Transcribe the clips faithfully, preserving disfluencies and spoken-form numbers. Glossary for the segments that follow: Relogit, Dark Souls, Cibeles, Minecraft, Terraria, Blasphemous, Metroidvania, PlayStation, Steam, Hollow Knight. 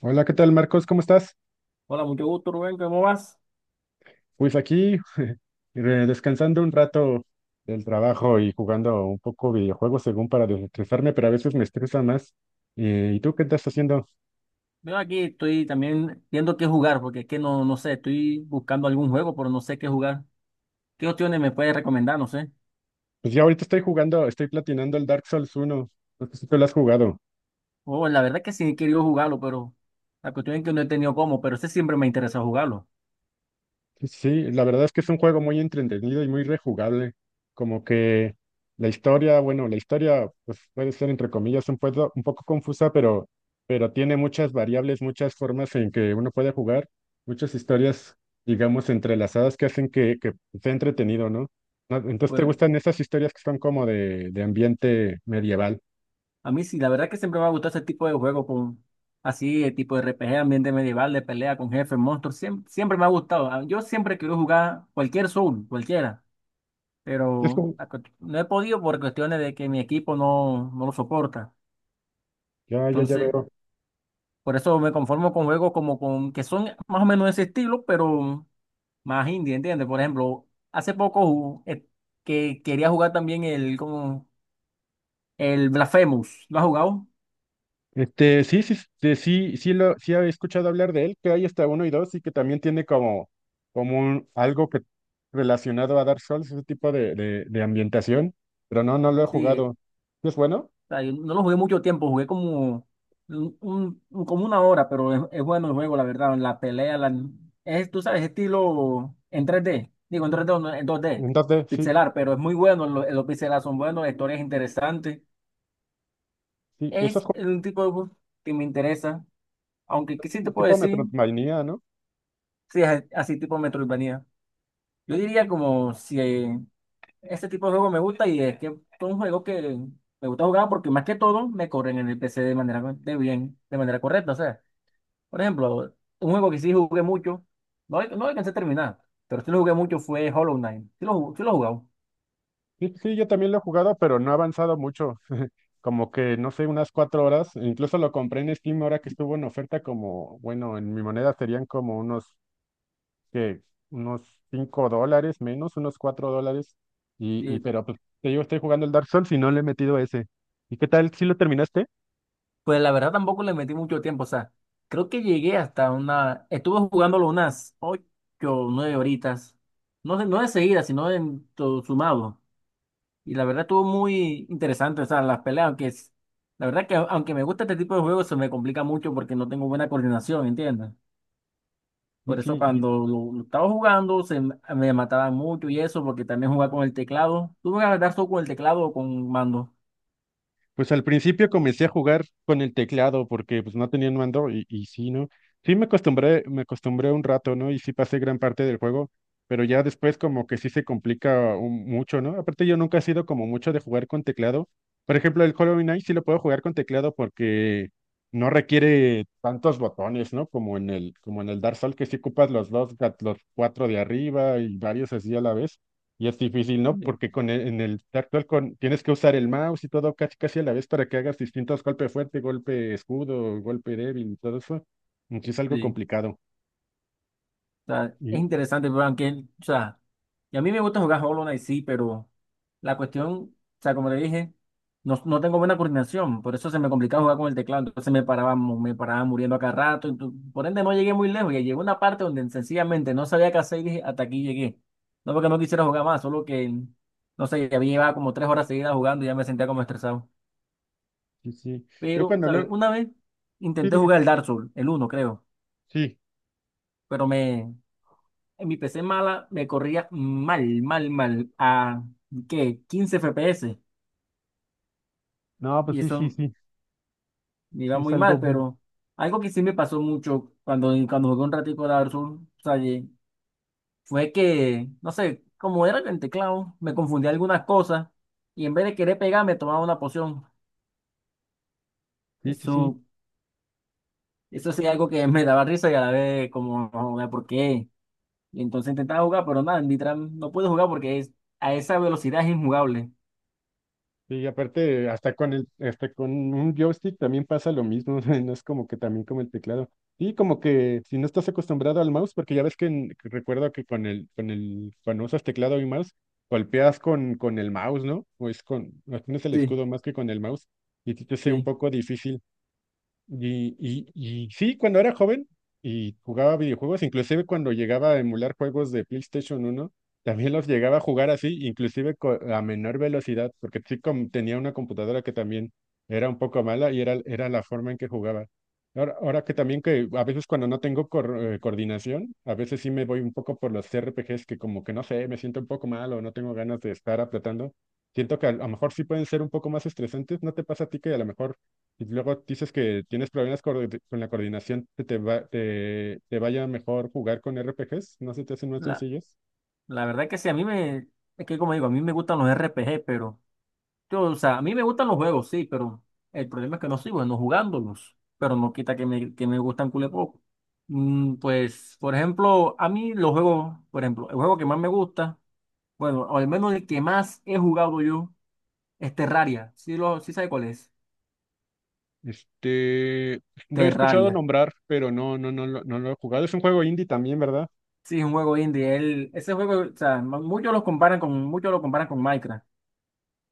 Hola, ¿qué tal, Marcos? ¿Cómo estás? Hola, mucho gusto, Rubén, ¿cómo vas? Pues aquí re- descansando un rato del trabajo y jugando un poco videojuegos según para desestresarme, pero a veces me estresa más. Eh, ¿y tú qué estás haciendo? Yo aquí estoy también viendo qué jugar, porque es que no, no sé, estoy buscando algún juego, pero no sé qué jugar. ¿Qué opciones me puedes recomendar? No sé. Pues ya ahorita estoy jugando, estoy platinando el Dark Souls uno. No sé si tú lo has jugado. Oh, la verdad es que sí he querido jugarlo, pero la cuestión es que no he tenido cómo, pero ese siempre me interesa jugarlo. Sí, la verdad es que es un juego muy entretenido y muy rejugable. Como que la historia, bueno, la historia pues puede ser entre comillas un poco, un poco confusa, pero, pero tiene muchas variables, muchas formas en que uno puede jugar, muchas historias, digamos, entrelazadas que hacen que, que sea entretenido, ¿no? Ah, entonces, ¿te Pues gustan esas historias que son como de, de ambiente medieval? a mí sí, la verdad es que siempre me ha gustado ese tipo de juego, con, así, el tipo de R P G, ambiente medieval, de pelea con jefes, monstruos, siempre, siempre me ha gustado. Ah, yo siempre quiero jugar cualquier Soul, cualquiera, Es pero como- la cuest- no he podido por cuestiones de que mi equipo no, no lo soporta. ya, ya, ya Entonces, veo. por eso me conformo con juegos como con, que son más o menos de ese estilo, pero más indie, ¿entiendes? Por ejemplo, hace poco ju- eh, que quería jugar también el, como, el Blasphemous. ¿Lo has jugado? Este, sí, sí, sí, sí, sí lo, sí he escuchado hablar de él, que hay hasta uno y dos, y que también tiene como, como un- algo que relacionado a Dark Souls, ese tipo de, de, de ambientación, pero no, no lo he Sí, eh, jugado. ¿Sí? ¿Es bueno? o sea, yo no lo jugué mucho tiempo, jugué como, un, un- como una hora, pero es, es bueno el juego, la verdad. La pelea, la, es, tú sabes, estilo en tres d. Digo, en tres d o no, en dos d Entonces, sí, pixelar, pero es muy bueno, lo- los pixelar son buenos, la historia es interesante. sí, eso Es es como, un tipo de bus que me interesa, aunque ¿qué sí te como puedo tipo decir? Metroidvania, ¿no? Sí, es así tipo Metroidvania. Yo diría como si eh, este tipo de juego me gusta y es que es un juego que me gusta jugar porque más que todo me corren en el P C de manera de bien, de manera correcta. O sea, por ejemplo, un juego que sí jugué mucho, no, no alcancé a terminar, pero sí lo jugué mucho fue Hollow Knight. Sí lo, jug- sí lo he jugado. Sí, sí, yo también lo he jugado, pero no he avanzado mucho, como que, no sé, unas cuatro horas, e incluso lo compré en Steam ahora que estuvo en oferta como, bueno, en mi moneda serían como unos que unos cinco dólares menos, unos cuatro dólares. Y, y pero pues, te digo, estoy jugando el Dark Souls y no le he metido ese. ¿Y qué tal si lo terminaste? Pues la verdad tampoco le metí mucho tiempo, o sea, creo que llegué hasta una, estuve jugándolo unas ocho o nueve horitas, no sé, no de seguida, sino en todo sumado, y la verdad estuvo muy interesante, o sea, las peleas, aunque es, la verdad que aunque me gusta este tipo de juegos se me complica mucho porque no tengo buena coordinación, ¿entiendes? ¿Y Por eso sí? cuando lo, lo estaba jugando se m- me mataban mucho y eso, porque también jugaba con el teclado, tuve que adaptar solo con el teclado o con mando. Pues al principio comencé a jugar con el teclado porque pues no tenía un mando y, y sí, ¿no? Sí me acostumbré, me acostumbré un rato, ¿no? Y sí pasé gran parte del juego, pero ya después como que sí se complica un- mucho, ¿no? Aparte yo nunca he sido como mucho de jugar con teclado. Por ejemplo, el Hollow Knight sí lo puedo jugar con teclado porque no requiere tantos botones, ¿no? Como en el, como en el Dark Souls que sí ocupas los dos, gat- los cuatro de arriba y varios así a la vez. Y es difícil, ¿no? Porque con el- en el actual con, tienes que usar el mouse y todo casi casi a la vez para que hagas distintos golpes fuerte, golpe escudo, golpe débil y todo eso. Y sí es algo Sí. complicado. O sea, es Y interesante, pero aunque, o sea, y a mí me gusta jugar Hollow Knight, sí, pero la cuestión, o sea, como le dije, no, no tengo buena coordinación, por eso se me complicaba jugar con el teclado, entonces me paraba, mu- me paraba muriendo a cada rato, entonces, por ende no llegué muy lejos, y llegó una parte donde sencillamente no sabía qué hacer y dije, hasta aquí llegué. No porque no quisiera jugar más, solo que, no sé, ya había llevado como tres horas seguidas jugando y ya me sentía como estresado. sí, sí. Yo Pero, cuando ¿sabes? luego, Una vez sí, intenté dime. jugar el Dark Souls, el uno, creo, Sí. pero me, en mi P C mala me corría mal, mal, mal. A, ¿qué? quince F P S. No, pues Y sí, sí, eso sí. me Sí iba es muy algo, mal, mm, pero algo que sí me pasó mucho cuando, cuando jugué un ratico Dark Souls, o sea, y fue que, no sé, como era con el teclado, me confundí algunas cosas y en vez de querer pegar me tomaba una poción. sí, sí, sí. Eso, eso sí algo que me daba risa y a la vez como, no, ¿por qué? Y entonces intentaba jugar, pero nada, en Nitran no pude jugar porque es, a esa velocidad es injugable. Y aparte, hasta con el, hasta con un joystick también pasa lo mismo, no es como que también como el teclado. Y como que si no estás acostumbrado al mouse, porque ya ves que, en- que recuerdo que con el, con el, cuando usas teclado y mouse, golpeas con, con el mouse, ¿no? O es con, no tienes el Sí, escudo más que con el mouse, y sí te hace un sí. poco difícil. Y, y, y sí, cuando era joven y jugaba videojuegos, inclusive cuando llegaba a emular juegos de PlayStation uno también los llegaba a jugar así, inclusive co- a menor velocidad, porque sí com- tenía una computadora que también era un poco mala y era, era la forma en que jugaba. Ahora, ahora que también que a veces cuando no tengo cor- eh, coordinación, a veces sí me voy un poco por los R P Gs que como que no sé, me siento un poco mal o no tengo ganas de estar apretando. Siento que a lo mejor sí pueden ser un poco más estresantes. ¿No te pasa a ti que a lo mejor y luego dices que tienes problemas coordi- con la coordinación, que te va- te, te vaya mejor jugar con R P Gs, ¿no se te hacen más sencillos? La verdad que sí, a mí me, es que como digo, a mí me gustan los R P G, pero yo, o sea, a mí me gustan los juegos, sí, pero el problema es que no soy bueno jugándolos, pero no quita que me, que me gustan cule poco. Mm, pues, por ejemplo, a mí los juegos, por ejemplo, el juego que más me gusta, bueno, o al menos el que más he jugado yo, es Terraria, sí, lo, sí sabe cuál es, Este, lo he escuchado Terraria, nombrar, pero no, no, no, lo- no lo he jugado. Es un juego indie también, ¿verdad? sí, es un juego indie, él, ese juego, o sea, muchos los comparan con, muchos lo comparan con Minecraft.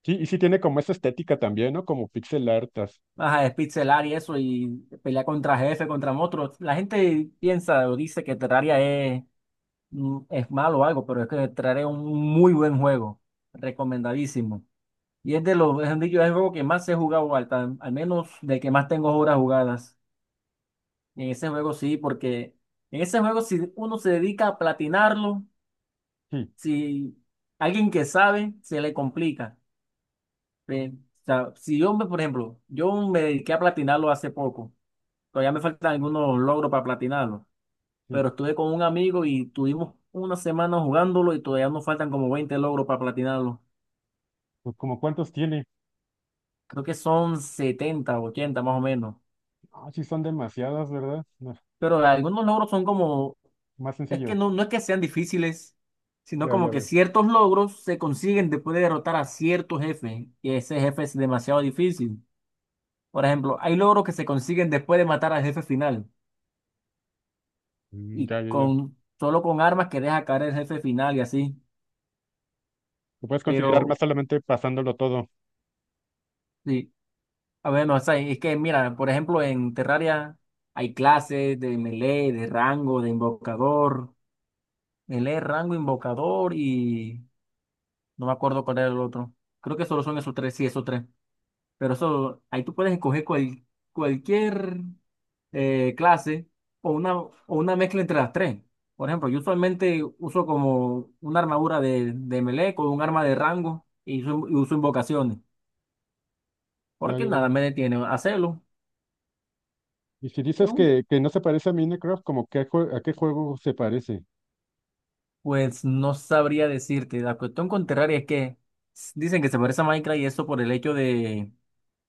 Sí, y sí tiene como esa estética también, ¿no? Como pixel artas. Ajá, despixelar y eso, y pelear contra jefe, contra monstruos. La gente piensa o dice que Terraria es, mm, es malo o algo, pero es que Terraria es un muy buen juego, recomendadísimo. Y es de los, es dicho, es el juego que más he jugado, al, tan- al menos de que más tengo horas jugadas. Y en ese juego sí, porque en ese juego si uno se dedica a platinarlo, Sí, si alguien que sabe, se le complica. Eh, o sea, si yo, me- por ejemplo, yo me dediqué a platinarlo hace poco. Todavía me faltan algunos logros para platinarlo. sí. Pero estuve con un amigo y tuvimos una semana jugándolo y todavía nos faltan como veinte logros para platinarlo. Pues como cuántos tiene. Creo que son setenta o ochenta más o menos. Ah, sí, son demasiadas, ¿verdad? No, Pero algunos logros son como, más es que sencillo. no, no es que sean difíciles, sino Ya, como ya que veo. ciertos logros se consiguen después de derrotar a cierto jefe y ese jefe es demasiado difícil. Por ejemplo, hay logros que se consiguen después de matar al jefe final Mm, y ya, ya, ya. con solo con armas que deja caer el jefe final y así. Lo puedes conseguir Pero armas solamente pasándolo todo. sí. A ver, no, o sea, es que mira, por ejemplo, en Terraria hay clases de melee, de rango, de invocador, melee, rango, invocador y no me acuerdo cuál era el otro. Creo que solo son esos tres, sí, esos tres. Pero eso, ahí tú puedes escoger cual- cualquier eh, clase o una, o una mezcla entre las tres. Por ejemplo, yo usualmente uso como una armadura de, de melee con un arma de rango y uso, y uso invocaciones, Ya, porque ya, nada ya. me detiene a hacerlo. Y si dices que, que no se parece a Minecraft, ¿como qué jue- ¿a qué juego se parece? Pues no sabría decirte. La cuestión con Terraria es que s- dicen que se parece a Minecraft y eso por el hecho de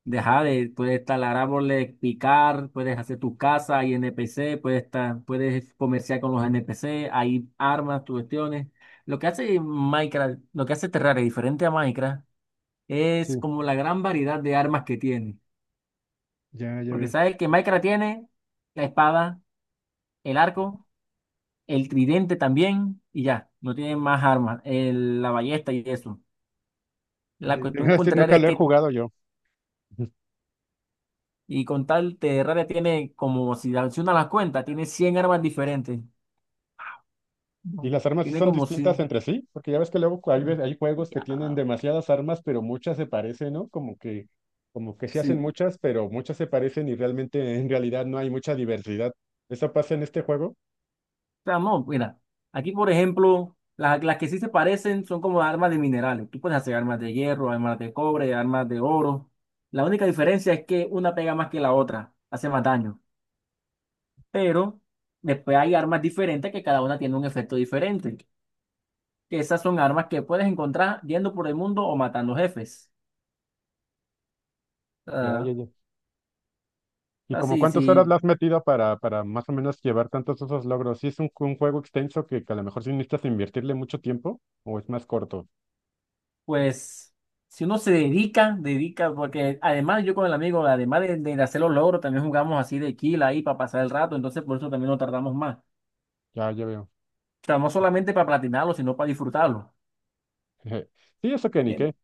dejar de, ajá, de- puedes talar árboles, picar, puedes hacer tu casa, hay N P C, puedes, ta- puedes comerciar con los N P C, hay armas, tus cuestiones. Lo que hace Minecraft, lo que hace Terraria diferente a Minecraft es Sí, como la gran variedad de armas que tiene. ya, ya Porque veo. sabes que Minecraft tiene la espada, el arco, el tridente también y ya, no tiene más armas, el- la ballesta y eso. La Y te voy a cuestión decir, contraria nunca es lo he que, jugado yo. Ujú. y con tal Terraria tiene como, si una las cuentas, tiene cien armas diferentes. ¿Y No. las armas sí Tiene son como distintas si, entre sí? Porque ya ves que luego hay, ve- hay juegos que ya, tienen demasiadas armas, pero muchas se parecen, ¿no? Como que, como que se hacen sí. muchas, pero muchas se parecen y realmente en realidad no hay mucha diversidad. ¿Eso pasa en este juego? O sea, no, mira, aquí por ejemplo, la- las que sí se parecen son como armas de minerales. Tú puedes hacer armas de hierro, armas de cobre, armas de oro. La única diferencia es que una pega más que la otra, hace más daño. Pero después hay armas diferentes que cada una tiene un efecto diferente. Que esas son armas que puedes encontrar yendo por el mundo o matando jefes. Ya, ya, Ah, ya. ¿Y como así, sí, cuántas horas le sí, has metido para, para más o menos llevar tantos esos logros? ¿Sí es un, un juego extenso que, que a lo mejor sí necesitas invertirle mucho tiempo o es más corto? pues si uno se dedica, dedica, porque además yo con el amigo, además de, de, hacer los logros, también jugamos así de kill ahí para pasar el rato, entonces por eso también no tardamos más. O Ya, ya veo. sea, no solamente para platinarlo, sino para disfrutarlo. Sí, eso que ni qué. Bien.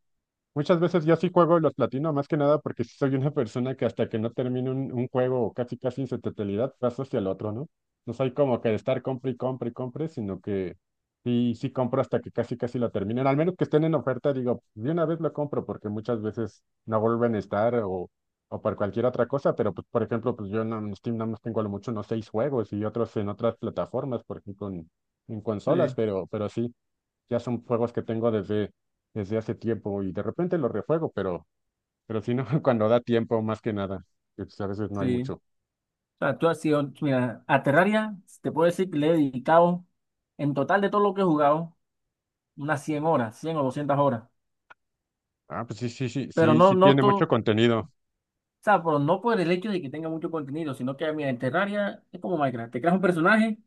Muchas veces yo sí juego y los platino, más que nada porque sí soy una persona que hasta que no termine un, un juego o casi casi en su totalidad, paso hacia el otro, ¿no? No soy como que de estar compre y compre y compre, sino que sí, sí compro hasta que casi casi lo terminen. Al menos que estén en oferta, digo, de una vez lo compro porque muchas veces no vuelven a estar o, o por cualquier otra cosa, pero pues, por ejemplo, pues yo no, en Steam nada más tengo a lo mucho, no seis juegos y otros en otras plataformas, por ejemplo, en, en consolas, Sí, pero, pero sí. Ya son juegos que tengo desde, desde hace tiempo y de repente los rejuego, pero, pero si no, cuando da tiempo, más que nada, que, pues, a veces no hay sí. mucho. O sea, tú has sido, mira, a Terraria, te puedo decir que le he dedicado, en total de todo lo que he jugado, unas cien horas, cien o doscientas horas. Ah, pues sí, sí, sí, Pero sí, no sí tiene noto, mucho o contenido. sea, pero no por el hecho de que tenga mucho contenido, sino que, mira, en Terraria es como Minecraft, te creas un personaje,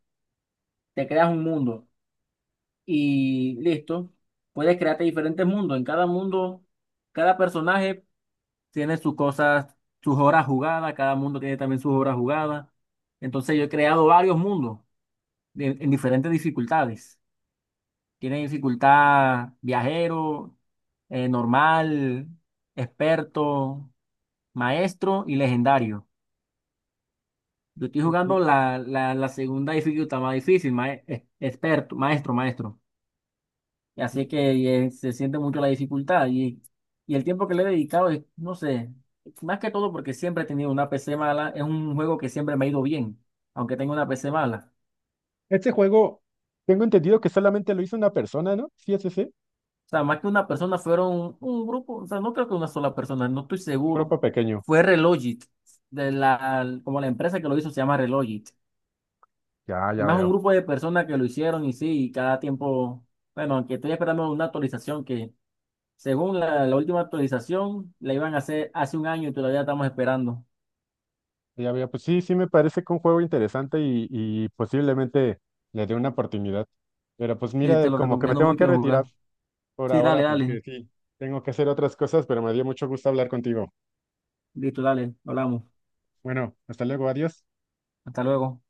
te creas un mundo y listo, puedes crearte diferentes mundos. En cada mundo, cada personaje tiene sus cosas, sus horas jugadas, cada mundo tiene también sus horas jugadas. Entonces yo he creado varios mundos de- en diferentes dificultades. Tiene dificultad viajero, eh, normal, experto, maestro y legendario. Yo estoy Sí, jugando sí, la, la, la segunda dificultad más difícil, mae- eh, experto, maestro, maestro. Y sí, así sí. que eh, se siente mucho la dificultad y, y el tiempo que le he dedicado es, no sé, más que todo porque siempre he tenido una P C mala, es un juego que siempre me ha ido bien, aunque tenga una P C mala. Este juego, tengo entendido que solamente lo hizo una persona, ¿no? Sí, es ese, sí, O sea, más que una persona fueron un grupo, o sea, no creo que una sola persona, no estoy un seguro. grupo pequeño. Fue Relogit, de la, como la empresa que lo hizo se llama Relogit. Ya, Es ya más un veo. grupo de personas que lo hicieron y sí, y cada tiempo, bueno, aunque estoy esperando una actualización que según la, la última actualización, la iban a hacer hace un año y todavía estamos esperando. Ya veo, pues sí, sí me parece que un juego interesante y, y posiblemente le dé una oportunidad. Pero pues Sí, mira, te lo como que me recomiendo tengo mucho que de retirar jugar. por Sí, dale, ahora dale. porque sí, tengo que hacer otras cosas, pero me dio mucho gusto hablar contigo. Listo, dale. Hablamos. Bueno, hasta luego, adiós. Hasta luego.